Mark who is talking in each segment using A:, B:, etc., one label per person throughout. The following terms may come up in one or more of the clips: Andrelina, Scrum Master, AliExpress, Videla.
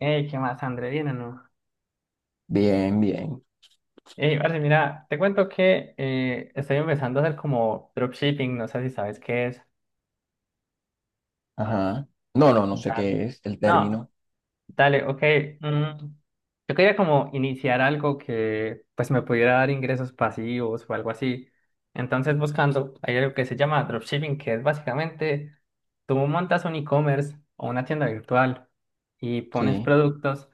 A: Ey, ¿qué más, Andrelina, no?
B: Bien, bien.
A: Ey, parce, mira, te cuento que estoy empezando a hacer como dropshipping, no sé si sabes qué es.
B: Ajá. No sé
A: Ah.
B: qué es el
A: No.
B: término.
A: Dale, ok. mm, Yo quería como iniciar algo que pues me pudiera dar ingresos pasivos o algo así. Entonces buscando, hay algo que se llama dropshipping, que es básicamente tú montas un e-commerce o una tienda virtual y pones
B: Sí,
A: productos,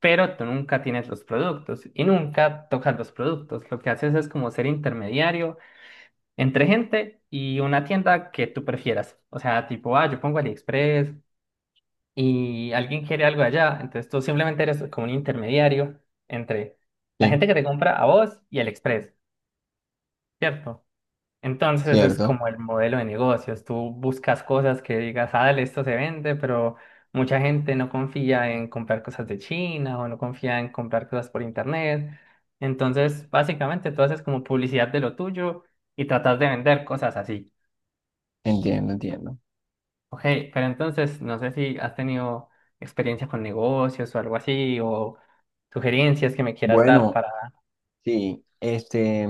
A: pero tú nunca tienes los productos y nunca tocas los productos. Lo que haces es como ser intermediario entre gente y una tienda que tú prefieras. O sea, tipo, ah, yo pongo AliExpress y alguien quiere algo allá, entonces tú simplemente eres como un intermediario entre la
B: sí,
A: gente que te compra a vos y el Express, ¿cierto? Entonces ese es
B: cierto.
A: como el modelo de negocios. Tú buscas cosas que digas, ah, dale, esto se vende, pero mucha gente no confía en comprar cosas de China o no confía en comprar cosas por internet. Entonces, básicamente tú haces como publicidad de lo tuyo y tratas de vender cosas así.
B: Entiendo, entiendo.
A: Ok, pero entonces no sé si has tenido experiencia con negocios o algo así o sugerencias que me quieras dar
B: Bueno,
A: para...
B: sí,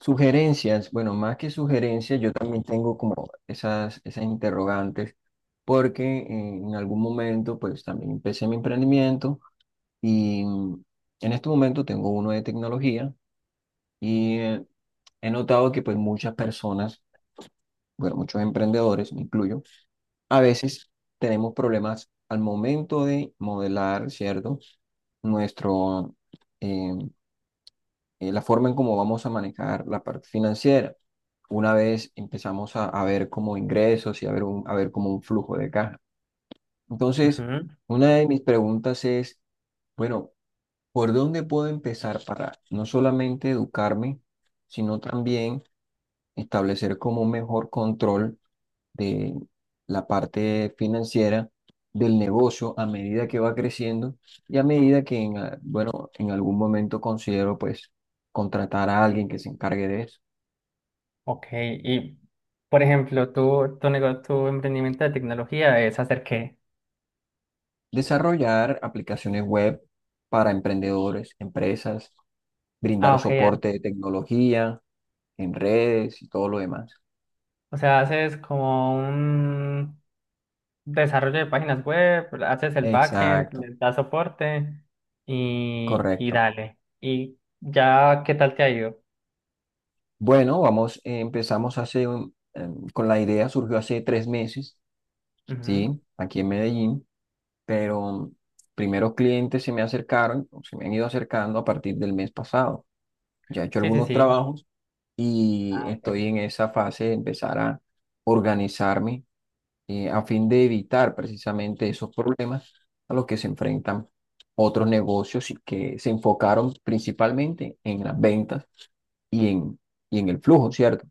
B: sugerencias. Bueno, más que sugerencias, yo también tengo como esas interrogantes, porque en algún momento, pues también empecé mi emprendimiento y en este momento tengo uno de tecnología y he notado que pues muchas personas, bueno, muchos emprendedores, me incluyo, a veces tenemos problemas al momento de modelar, ¿cierto? Nuestro, eh, la forma en cómo vamos a manejar la parte financiera. Una vez empezamos a ver como ingresos y a ver, a ver como un flujo de caja. Entonces,
A: Ujú.
B: una de mis preguntas es, bueno, ¿por dónde puedo empezar para no solamente educarme, sino también establecer como un mejor control de la parte financiera del negocio a medida que va creciendo y a medida que, bueno, en algún momento considero pues contratar a alguien que se encargue de eso.
A: Ok, y por ejemplo, tu emprendimiento de tecnología es hacer, ¿qué?
B: Desarrollar aplicaciones web para emprendedores, empresas,
A: Ah,
B: brindar
A: ok,
B: soporte de tecnología en redes y todo lo demás.
A: o sea, haces como un desarrollo de páginas web, haces el backend,
B: Exacto,
A: le das soporte y
B: correcto.
A: dale. ¿Y ya qué tal te ha ido?
B: Bueno, vamos, empezamos con la idea, surgió hace tres meses,
A: Ujú.
B: ¿sí? Aquí en Medellín. Pero primeros clientes se me acercaron, o se me han ido acercando a partir del mes pasado. Ya he hecho
A: Sí, sí,
B: algunos
A: sí.
B: trabajos y
A: Ah, ok.
B: estoy en esa fase de empezar a organizarme, a fin de evitar precisamente esos problemas a los que se enfrentan otros negocios y que se enfocaron principalmente en las ventas y en, y en el flujo, ¿cierto?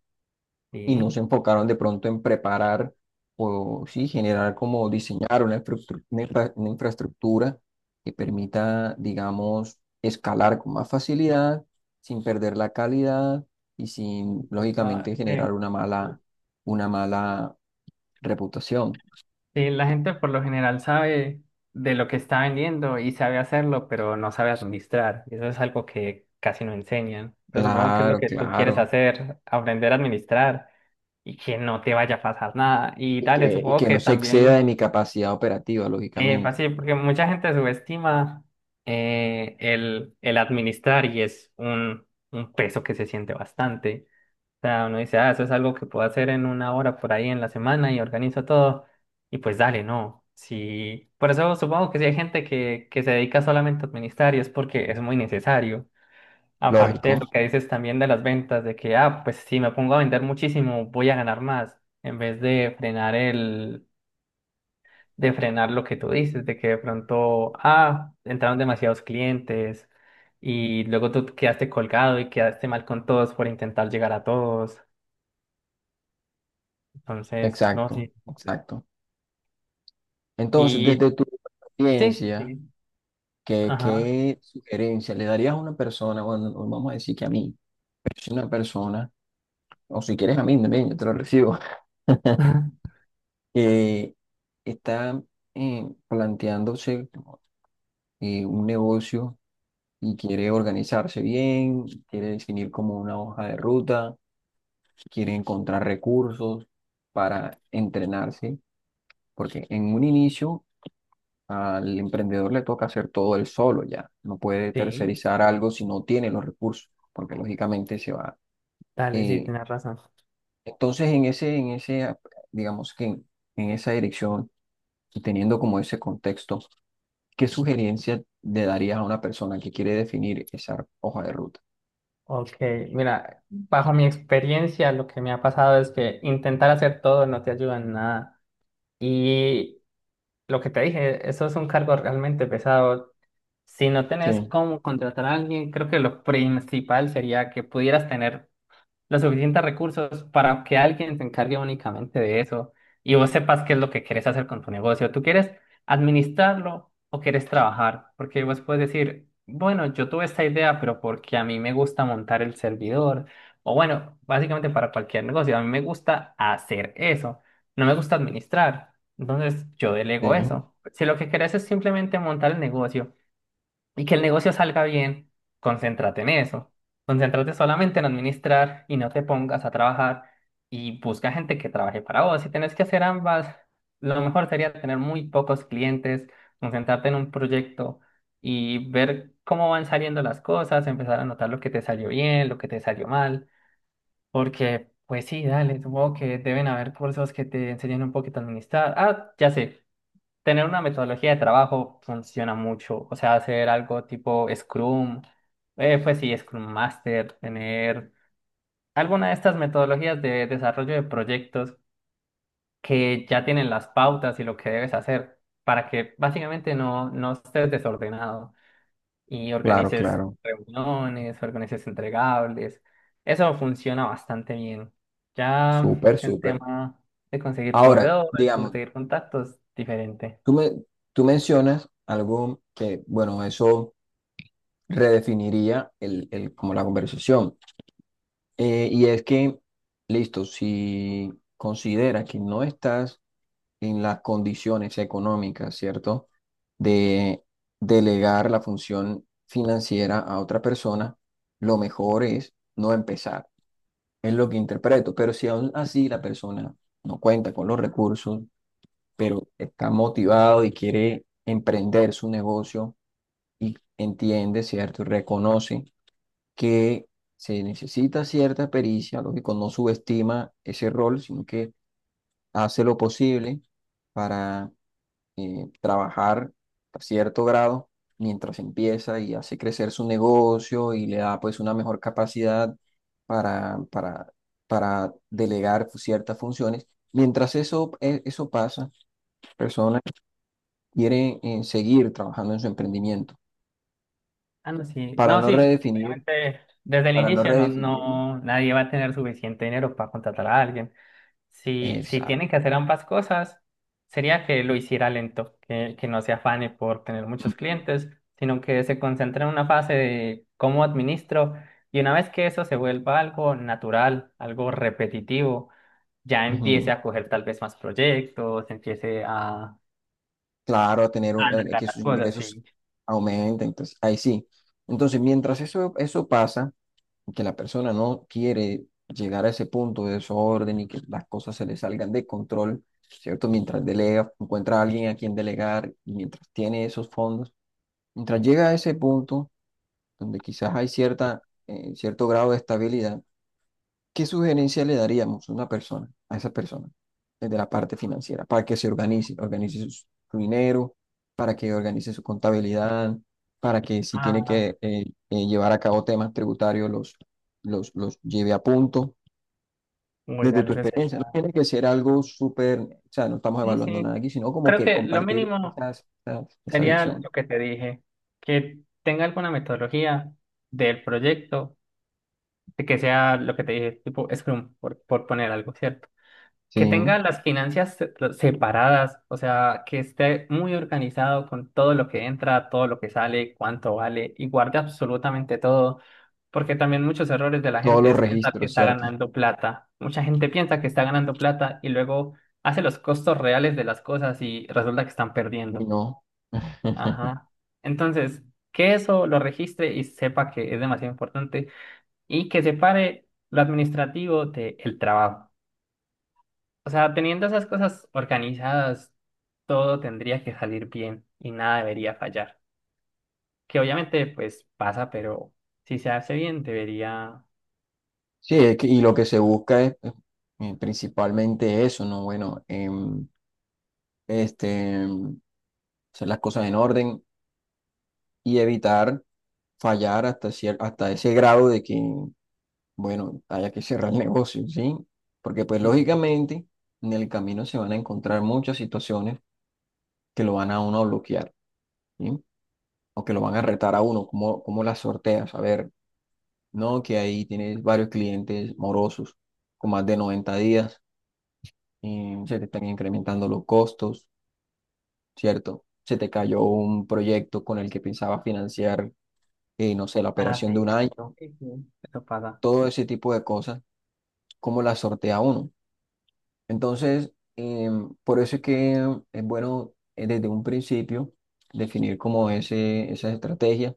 B: Y no
A: Sí.
B: se enfocaron de pronto en preparar o sí, generar como diseñar una una infraestructura que permita, digamos, escalar con más facilidad, sin perder la calidad y sin,
A: Va-
B: lógicamente, generar
A: sí.
B: una mala reputación.
A: Sí, la gente por lo general sabe de lo que está vendiendo y sabe hacerlo, pero no sabe administrar. Y eso es algo que casi no enseñan. Entonces, supongo que es lo
B: Claro,
A: que tú quieres
B: claro.
A: hacer, aprender a administrar y que no te vaya a pasar nada. Y dale,
B: Y
A: supongo
B: que
A: que
B: no se exceda de
A: también
B: mi capacidad operativa, lógicamente.
A: fácil, porque mucha gente subestima el administrar y es un peso que se siente bastante. O sea, uno dice, ah, eso es algo que puedo hacer en una hora por ahí en la semana y organizo todo. Y pues dale, no. Sí, por eso supongo que si hay gente que se dedica solamente a administrar y es porque es muy necesario. Aparte de
B: Lógico,
A: lo que dices también de las ventas, de que, ah, pues si me pongo a vender muchísimo, voy a ganar más, en vez de de frenar lo que tú dices, de que de pronto, ah, entraron demasiados clientes y luego tú quedaste colgado y quedaste mal con todos por intentar llegar a todos. Entonces, no
B: exacto,
A: sé.
B: exacto. Entonces,
A: Y
B: desde tu
A: sí,
B: experiencia,
A: sí.
B: ¿qué,
A: Ajá.
B: qué sugerencia le darías a una persona, bueno, no, vamos a decir que a mí, pero si una persona, o si quieres a mí también, yo te lo recibo, que está planteándose un negocio y quiere organizarse bien, quiere definir como una hoja de ruta, quiere encontrar recursos para entrenarse, porque en un inicio al emprendedor le toca hacer todo él solo ya. No puede
A: Sí,
B: tercerizar algo si no tiene los recursos, porque lógicamente se va.
A: dale, sí,
B: eh,
A: tienes razón.
B: entonces, digamos que en esa dirección y teniendo como ese contexto, ¿qué sugerencia le darías a una persona que quiere definir esa hoja de ruta?
A: Ok, mira, bajo mi experiencia, lo que me ha pasado es que intentar hacer todo no te ayuda en nada. Y lo que te dije, eso es un cargo realmente pesado. Si no tenés
B: Sí,
A: cómo contratar a alguien, creo que lo principal sería que pudieras tener los suficientes recursos para que alguien se encargue únicamente de eso y vos sepas qué es lo que quieres hacer con tu negocio. ¿Tú quieres administrarlo o quieres trabajar? Porque vos puedes decir, bueno, yo tuve esta idea, pero porque a mí me gusta montar el servidor. O bueno, básicamente para cualquier negocio, a mí me gusta hacer eso. No me gusta administrar. Entonces yo delego
B: sí.
A: eso. Si lo que querés es simplemente montar el negocio y que el negocio salga bien, concéntrate en eso. Concéntrate solamente en administrar y no te pongas a trabajar y busca gente que trabaje para vos. Si tenés que hacer ambas, lo mejor sería tener muy pocos clientes, concentrarte en un proyecto y ver cómo van saliendo las cosas, empezar a notar lo que te salió bien, lo que te salió mal, porque pues sí, dale, supongo que deben haber cursos que te enseñen un poquito a administrar. Ah, ya sé, tener una metodología de trabajo funciona mucho. O sea, hacer algo tipo Scrum, pues sí, Scrum Master, tener alguna de estas metodologías de desarrollo de proyectos que ya tienen las pautas y lo que debes hacer para que básicamente no estés desordenado y
B: Claro,
A: organices
B: claro.
A: reuniones, organices entregables. Eso funciona bastante bien. Ya
B: Súper,
A: el
B: súper.
A: tema de conseguir
B: Ahora,
A: proveedores,
B: digamos,
A: conseguir contactos, diferente.
B: tú me, tú mencionas algo que, bueno, eso redefiniría como la conversación. Y es que, listo, si considera que no estás en las condiciones económicas, ¿cierto? De delegar la función financiera a otra persona, lo mejor es no empezar. Es lo que interpreto. Pero si aún así la persona no cuenta con los recursos, pero está motivado y quiere emprender su negocio y entiende, ¿cierto? Y reconoce que se necesita cierta pericia, lógico, no subestima ese rol, sino que hace lo posible para trabajar a cierto grado mientras empieza y hace crecer su negocio y le da pues una mejor capacidad para, para, para delegar ciertas funciones. Mientras eso pasa, personas quieren seguir trabajando en su emprendimiento
A: Ah, no, sí.
B: para
A: No,
B: no
A: sí, sí.
B: redefinir,
A: Obviamente, desde el
B: para no
A: inicio
B: redefinirla.
A: nadie va a tener suficiente dinero para contratar a alguien. Si tienen
B: Exacto.
A: que hacer ambas cosas, sería que lo hiciera lento, que no se afane por tener muchos clientes, sino que se concentre en una fase de cómo administro. Y una vez que eso se vuelva algo natural, algo repetitivo, ya empiece
B: Ujú.
A: a coger tal vez más proyectos, a
B: Claro, a tener a
A: alargar
B: que
A: las
B: sus
A: cosas,
B: ingresos
A: sí.
B: aumenten. Entonces, ahí sí. Entonces, mientras eso pasa, y que la persona no quiere llegar a ese punto de desorden y que las cosas se le salgan de control, ¿cierto? Mientras delega, encuentra a alguien a quien delegar y mientras tiene esos fondos, mientras llega a ese punto donde quizás hay cierta, cierto grado de estabilidad, ¿qué sugerencia le daríamos a una persona, a esa persona, desde la parte financiera, para que se organice, organice su dinero, para que organice su contabilidad, para que si tiene
A: Ah,
B: que llevar a cabo temas tributarios, los lleve a punto?
A: muy
B: Desde
A: real,
B: tu
A: eso es
B: experiencia,
A: cierto.
B: no tiene que ser algo súper, o sea, no estamos
A: Sí,
B: evaluando
A: sí.
B: nada aquí, sino como
A: Creo
B: que
A: que lo
B: compartir
A: mínimo
B: esa
A: sería
B: visión.
A: lo que te dije, que tenga alguna metodología del proyecto, de que sea lo que te dije, tipo Scrum, por poner algo, ¿cierto?
B: Sí,
A: Que tenga las finanzas separadas, o sea, que esté muy organizado con todo lo que entra, todo lo que sale, cuánto vale y guarde absolutamente todo, porque también muchos errores de la
B: todos
A: gente
B: los
A: es pensar que
B: registros,
A: está
B: ¿cierto?
A: ganando plata. Mucha gente piensa que está ganando plata y luego hace los costos reales de las cosas y resulta que están
B: Y
A: perdiendo.
B: no.
A: Ajá. Entonces, que eso lo registre y sepa que es demasiado importante y que separe lo administrativo del trabajo. O sea, teniendo esas cosas organizadas, todo tendría que salir bien y nada debería fallar. Que obviamente, pues pasa, pero si se hace bien, debería.
B: Sí, y lo que se busca es principalmente eso, ¿no? Bueno, este, em, hacer las cosas en orden y evitar fallar hasta, hasta ese grado de que, bueno, haya que cerrar el negocio, ¿sí? Porque pues
A: Sí, sí, sí.
B: lógicamente en el camino se van a encontrar muchas situaciones que lo van a uno a bloquear, ¿sí? O que lo van a retar a uno, ¿cómo, cómo las sorteas? A ver, no, que ahí tienes varios clientes morosos con más de 90 días, se te están incrementando los costos, ¿cierto? Se te cayó un proyecto con el que pensaba financiar, no sé, la
A: Ah,
B: operación de un
A: sí.
B: año,
A: Sí, sí. Eso pasa.
B: todo ese tipo de cosas, ¿cómo las sortea uno? Entonces, por eso es que es bueno, desde un principio definir como esa estrategia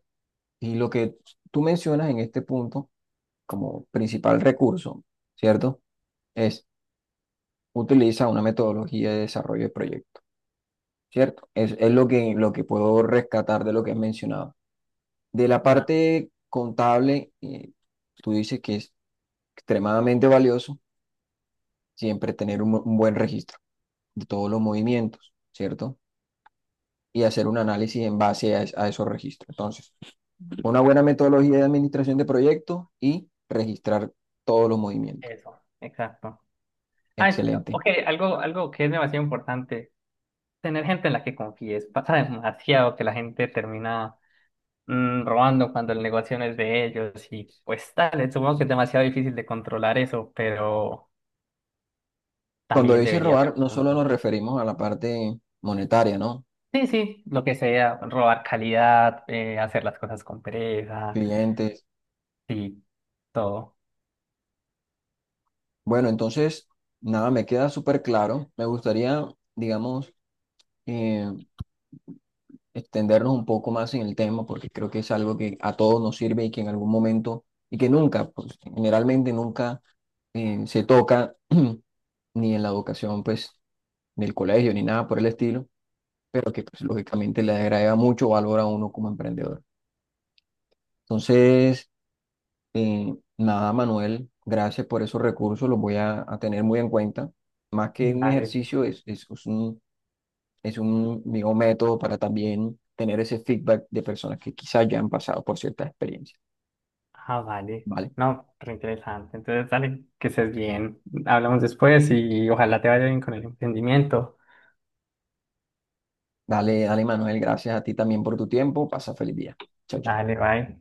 B: y lo que tú mencionas en este punto como principal recurso, ¿cierto? Es utiliza una metodología de desarrollo de proyecto. ¿Cierto? Es lo que puedo rescatar de lo que has mencionado. De la
A: Ah,
B: parte contable, tú dices que es extremadamente valioso siempre tener un buen registro de todos los movimientos, ¿cierto? Y hacer un análisis en base a, a esos registros. Entonces, una buena metodología de administración de proyectos y registrar todos los movimientos.
A: eso, exacto. Ah,
B: Excelente.
A: ok, algo que es demasiado importante. Tener gente en la que confíes. Pasa demasiado que la gente termina robando cuando el negocio no es de ellos. Y pues tal, supongo que es demasiado difícil de controlar eso, pero
B: Cuando
A: también
B: dices
A: debería ser
B: robar,
A: un
B: no solo
A: punto.
B: nos referimos a la parte monetaria, ¿no?
A: Sí, sí, lo que sea, robar calidad, hacer las cosas con pereza,
B: Clientes.
A: sí, todo.
B: Bueno, entonces, nada, me queda súper claro. Me gustaría, digamos, eh, extendernos un poco más en el tema porque creo que es algo que a todos nos sirve y que en algún momento, y que nunca, pues generalmente nunca se toca ni en la educación, pues, del colegio ni nada por el estilo, pero que pues lógicamente le agrega mucho valor a uno como emprendedor. Entonces, nada, Manuel, gracias por esos recursos, los voy a tener muy en cuenta. Más que un
A: Dale, listo.
B: ejercicio, es es un, digo, método para también tener ese feedback de personas que quizás ya han pasado por ciertas experiencias,
A: Ah, vale.
B: ¿vale?
A: No, re interesante. Entonces, dale, que estés bien. Hablamos después y ojalá te vaya bien con el emprendimiento.
B: Dale, dale, Manuel, gracias a ti también por tu tiempo. Pasa feliz día. Chao, chao.
A: Dale, bye.